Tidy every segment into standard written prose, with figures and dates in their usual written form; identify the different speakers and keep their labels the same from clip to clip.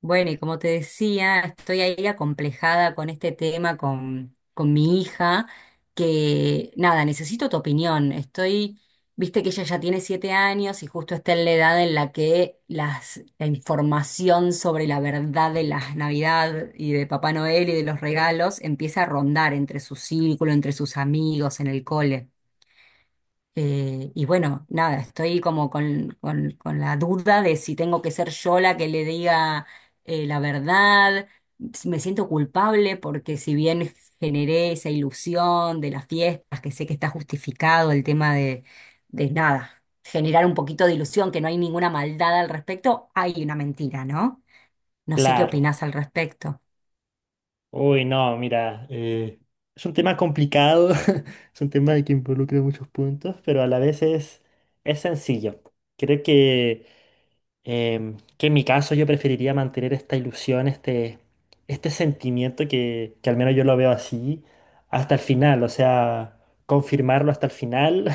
Speaker 1: Bueno, y como te decía, estoy ahí acomplejada con este tema con mi hija, que nada, necesito tu opinión. Estoy, viste que ella ya tiene 7 años y justo está en la edad en la que la información sobre la verdad de la Navidad y de Papá Noel y de los regalos empieza a rondar entre su círculo, entre sus amigos, en el cole. Y bueno, nada, estoy como con la duda de si tengo que ser yo la que le diga la verdad. Me siento culpable porque si bien generé esa ilusión de las fiestas, que sé que está justificado el tema de nada, generar un poquito de ilusión, que no hay ninguna maldad al respecto, hay una mentira, ¿no? No sé qué
Speaker 2: Claro.
Speaker 1: opinás al respecto.
Speaker 2: Uy, no, mira, es un tema complicado, es un tema que involucra muchos puntos, pero a la vez es sencillo. Creo que, que en mi caso yo preferiría mantener esta ilusión, este sentimiento que al menos yo lo veo así, hasta el final, o sea, confirmarlo hasta el final.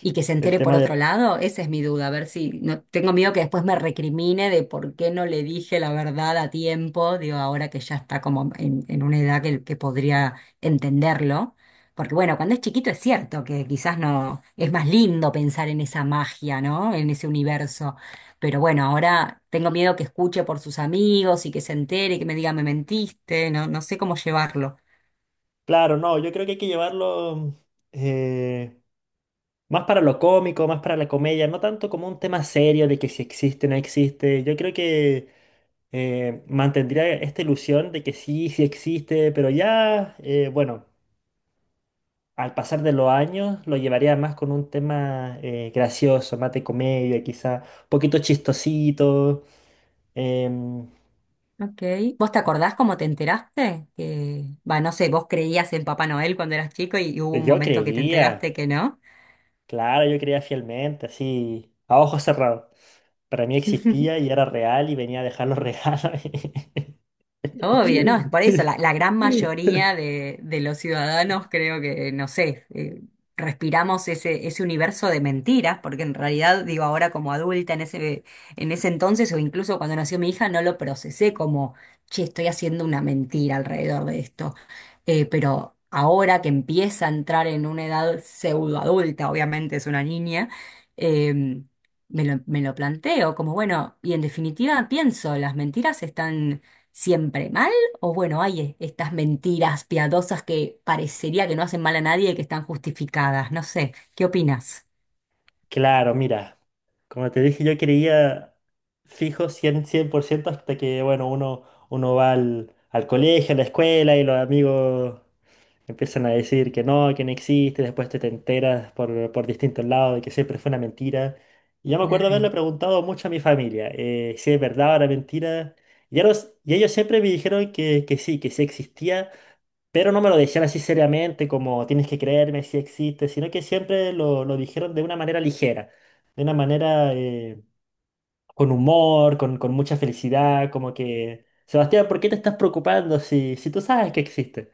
Speaker 1: Y que se
Speaker 2: El
Speaker 1: entere por
Speaker 2: tema de,
Speaker 1: otro lado, esa es mi duda, a ver si no tengo miedo que después me recrimine de por qué no le dije la verdad a tiempo, digo, ahora que ya está como en una edad que podría entenderlo. Porque bueno, cuando es chiquito es cierto que quizás no es más lindo pensar en esa magia, ¿no? En ese universo. Pero bueno, ahora tengo miedo que escuche por sus amigos y que se entere y que me diga me mentiste, no, no sé cómo llevarlo.
Speaker 2: claro, no, yo creo que hay que llevarlo... eh, Más para lo cómico, más para la comedia, no tanto como un tema serio de que si existe o no existe. Yo creo que mantendría esta ilusión de que sí, sí existe, pero ya, bueno, al pasar de los años lo llevaría más con un tema gracioso, más de comedia, quizá un poquito chistosito. Em,
Speaker 1: Ok. ¿Vos te acordás cómo te enteraste? Que, va, no sé, vos creías en Papá Noel cuando eras chico y hubo un
Speaker 2: yo
Speaker 1: momento que te enteraste
Speaker 2: creía,
Speaker 1: que no.
Speaker 2: claro, yo creía fielmente, así, a ojos cerrados. Para mí existía y era real y venía a dejar los regalos.
Speaker 1: Obvio, no, es por eso la gran mayoría de los ciudadanos creo que, no sé, respiramos ese universo de mentiras, porque en realidad, digo, ahora como adulta en ese entonces o incluso cuando nació mi hija, no lo procesé como, che, estoy haciendo una mentira alrededor de esto. Pero ahora que empieza a entrar en una edad pseudoadulta, obviamente es una niña, em, me lo planteo como, bueno, y en definitiva pienso, ¿las mentiras están siempre mal? O bueno, hay estas mentiras piadosas que parecería que no hacen mal a nadie y que están justificadas. No sé, ¿qué opinas?
Speaker 2: Claro, mira, como te dije, yo creía fijo cien por ciento hasta que, bueno, uno va al colegio, a la escuela y los amigos empiezan a decir que no existe, después te enteras por distintos lados de que siempre fue una mentira. Y yo me acuerdo haberle
Speaker 1: Claro.
Speaker 2: preguntado mucho a mi familia, si es verdad o era mentira. Y ellos siempre me dijeron que sí existía, pero no me lo decían así seriamente, como tienes que creerme si existe, sino que siempre lo dijeron de una manera ligera, de una manera con humor, con mucha felicidad, como que, Sebastián, ¿por qué te estás preocupando si tú sabes que existe?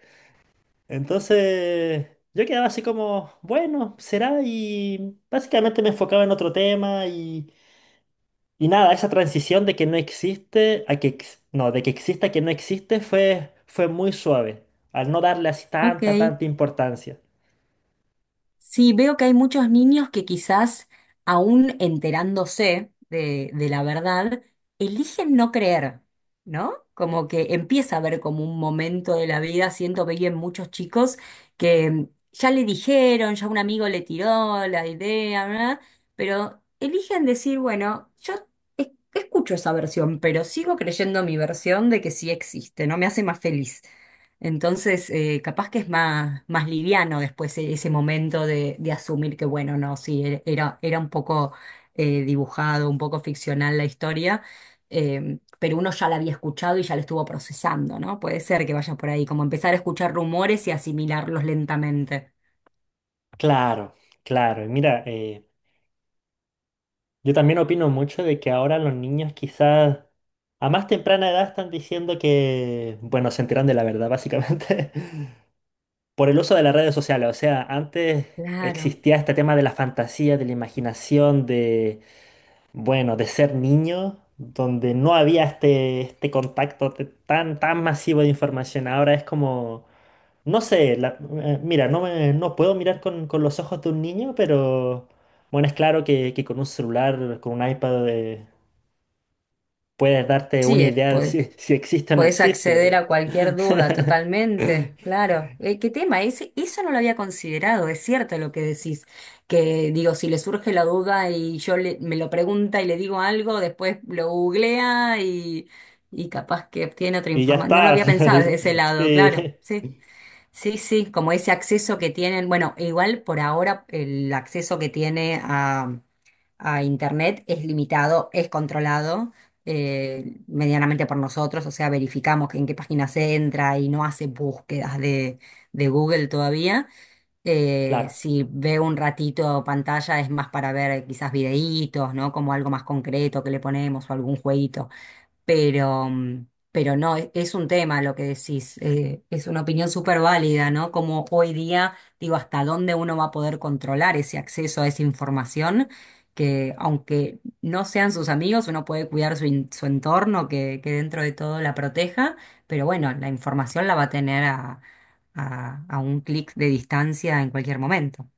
Speaker 2: Entonces, yo quedaba así como, bueno, será, y básicamente me enfocaba en otro tema y nada, esa transición de que no existe a que, ex- no, de que existe a que no existe fue muy suave, al no darle así
Speaker 1: Ok.
Speaker 2: tanta importancia.
Speaker 1: Sí, veo que hay muchos niños que quizás, aún enterándose de la verdad, eligen no creer, ¿no? Como que empieza a haber como un momento de la vida, siento que hay en muchos chicos que ya le dijeron, ya un amigo le tiró la idea, ¿verdad? Pero eligen decir, bueno, yo es- escucho esa versión, pero sigo creyendo mi versión de que sí existe, ¿no? Me hace más feliz. Entonces, capaz que es más, más liviano después ese momento de asumir que, bueno, no, sí, era, era un poco dibujado, un poco ficcional la historia, pero uno ya la había escuchado y ya la estuvo procesando, ¿no? Puede ser que vaya por ahí, como empezar a escuchar rumores y asimilarlos lentamente.
Speaker 2: Claro, claro. Y mira, yo también opino mucho de que ahora los niños quizás a más temprana edad están diciendo que, bueno, se enteran de la verdad básicamente por el uso de las redes sociales. O sea, antes
Speaker 1: Claro.
Speaker 2: existía este tema de la fantasía, de la imaginación, bueno, de ser niño, donde no había este contacto tan masivo de información, ahora es como, no sé, mira, no puedo mirar con los ojos de un niño, pero bueno, es claro que con un celular, con un iPad, puedes darte una
Speaker 1: Sí,
Speaker 2: idea de si existe o no
Speaker 1: podés acceder
Speaker 2: existe.
Speaker 1: a cualquier duda totalmente, claro. ¿Qué tema? Ese, eso no lo había considerado, es cierto lo que decís, que digo, si le surge la duda y yo me lo pregunta y le digo algo, después lo googlea y capaz que obtiene otra
Speaker 2: Y ya
Speaker 1: información. No lo
Speaker 2: está.
Speaker 1: había pensado desde ese lado, claro,
Speaker 2: Sí,
Speaker 1: sí, sí, sí, como ese acceso que tienen, bueno, igual por ahora el acceso que tiene a Internet es limitado, es controlado medianamente por nosotros, o sea, verificamos que en qué página se entra y no hace búsquedas de Google todavía.
Speaker 2: claro.
Speaker 1: Si ve un ratito pantalla es más para ver quizás videitos, ¿no? Como algo más concreto que le ponemos o algún jueguito. Pero, pero no, es un tema lo que decís, es una opinión súper válida, ¿no? Como hoy día, digo, hasta dónde uno va a poder controlar ese acceso a esa información, que aunque no sean sus amigos, uno puede cuidar su entorno, que dentro de todo la proteja, pero bueno, la información la va a tener a un clic de distancia en cualquier momento.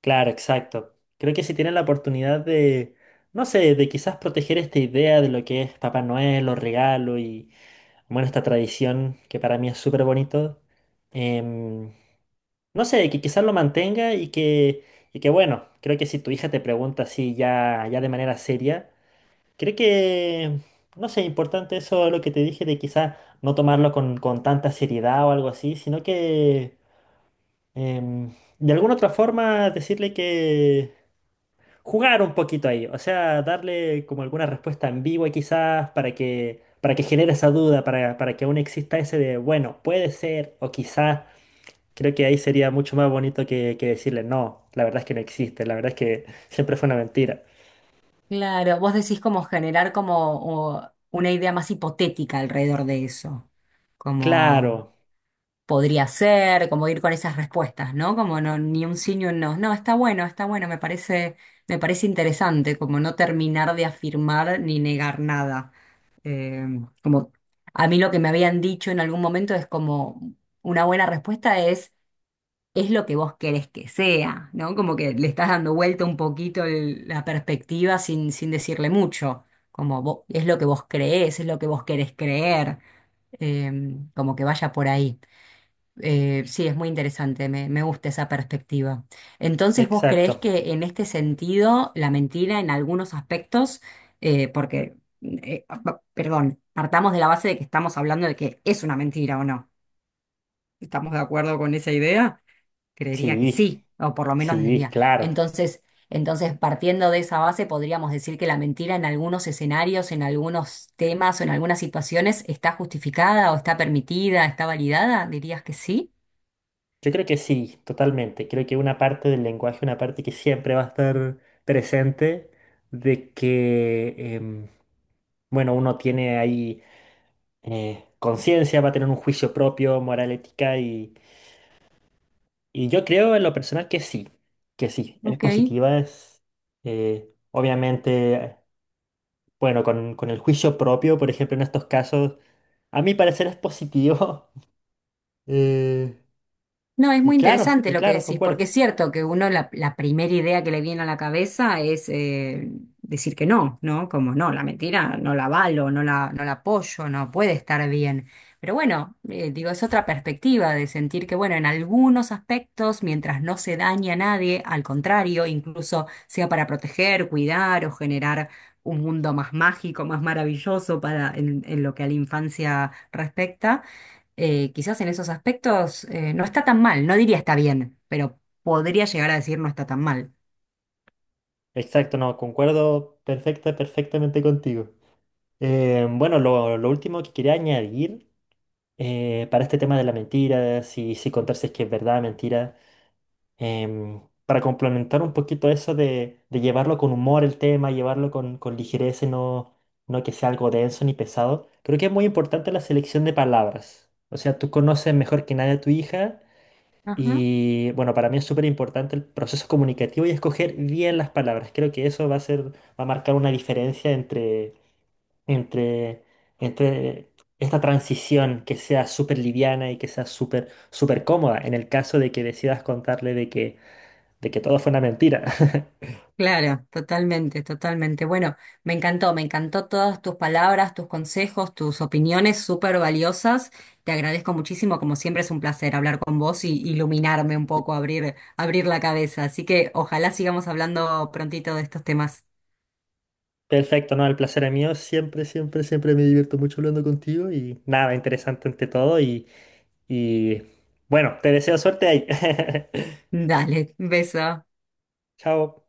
Speaker 2: Claro, exacto. Creo que si tienen la oportunidad de, no sé, de quizás proteger esta idea de lo que es Papá Noel, los regalos y, bueno, esta tradición que para mí es súper bonito, em, no sé, que quizás lo mantenga y que, bueno, creo que si tu hija te pregunta así ya, ya de manera seria, creo que, no sé, importante eso lo que te dije de quizás no tomarlo con tanta seriedad o algo así, sino que, em, de alguna otra forma decirle que jugar un poquito ahí, o sea, darle como alguna respuesta ambigua quizás para para que genere esa duda, para que aún exista ese de, bueno, puede ser o quizás, creo que ahí sería mucho más bonito que decirle, no, la verdad es que no existe, la verdad es que siempre fue una mentira.
Speaker 1: Claro, vos decís como generar como una idea más hipotética alrededor de eso.
Speaker 2: Claro,
Speaker 1: Como podría ser, como ir con esas respuestas, ¿no? Como no, ni un sí ni un no. No, está bueno, me parece interesante, como no terminar de afirmar ni negar nada. Eh, Como a mí lo que me habían dicho en algún momento es como una buena respuesta es lo que vos querés que sea, ¿no? Como que le estás dando vuelta un poquito la perspectiva sin decirle mucho. Como es lo que vos creés, es lo que vos querés creer, eh, como que vaya por ahí. Sí, es muy interesante, me gusta esa perspectiva. Entonces, ¿vos creés
Speaker 2: exacto,
Speaker 1: que en este sentido la mentira en algunos aspectos, eh, porque, perdón, partamos de la base de que estamos hablando de que es una mentira o no? ¿Estamos de acuerdo con esa idea? Creería que
Speaker 2: sí,
Speaker 1: sí, o por lo menos desde
Speaker 2: sí,
Speaker 1: mía.
Speaker 2: claro.
Speaker 1: Entonces, entonces, partiendo de esa base, podríamos decir que la mentira en algunos escenarios, en algunos temas o en algunas situaciones está justificada o está permitida, está validada, dirías que sí.
Speaker 2: Yo creo que sí, totalmente. Creo que una parte del lenguaje, una parte que siempre va a estar presente, de que, bueno, uno tiene ahí conciencia, va a tener un juicio propio, moral, ética, y yo creo en lo personal que sí, es
Speaker 1: Ok.
Speaker 2: positiva, es obviamente, bueno, con el juicio propio, por ejemplo, en estos casos, a mi parecer es positivo, eh,
Speaker 1: No, es muy interesante
Speaker 2: y
Speaker 1: lo que
Speaker 2: claro,
Speaker 1: decís, porque
Speaker 2: concuerdo.
Speaker 1: es cierto que uno la primera idea que le viene a la cabeza es decir que no, ¿no? Como no, la mentira no la avalo, no la apoyo, no puede estar bien. Pero bueno, digo, es otra perspectiva de sentir que, bueno, en algunos aspectos, mientras no se daña a nadie, al contrario, incluso sea para proteger, cuidar o generar un mundo más mágico, más maravilloso para en lo que a la infancia respecta quizás en esos aspectos no está tan mal, no diría está bien, pero podría llegar a decir no está tan mal.
Speaker 2: Exacto, no, perfectamente contigo. Bueno, lo último que quería añadir, para este tema de la mentira, si contar si es que es verdad, mentira, para complementar un poquito eso de llevarlo con humor el tema, llevarlo con ligereza y no, no que sea algo denso ni pesado, creo que es muy importante la selección de palabras. O sea, tú conoces mejor que nadie a tu hija
Speaker 1: Ajá.
Speaker 2: y bueno, para mí es súper importante el proceso comunicativo y escoger bien las palabras. Creo que eso va va a marcar una diferencia entre, entre esta transición que sea súper liviana y que sea súper, súper cómoda en el caso de que decidas contarle de que todo fue una mentira.
Speaker 1: Claro, totalmente, totalmente. Bueno, me encantó todas tus palabras, tus consejos, tus opiniones súper valiosas. Te agradezco muchísimo, como siempre es un placer hablar con vos y iluminarme un poco, abrir la cabeza. Así que ojalá sigamos hablando prontito de estos temas.
Speaker 2: Perfecto, no, el placer es mío. Siempre, siempre, siempre me divierto mucho hablando contigo y nada, interesante ante todo y bueno, te deseo suerte ahí.
Speaker 1: Dale, beso.
Speaker 2: Chao.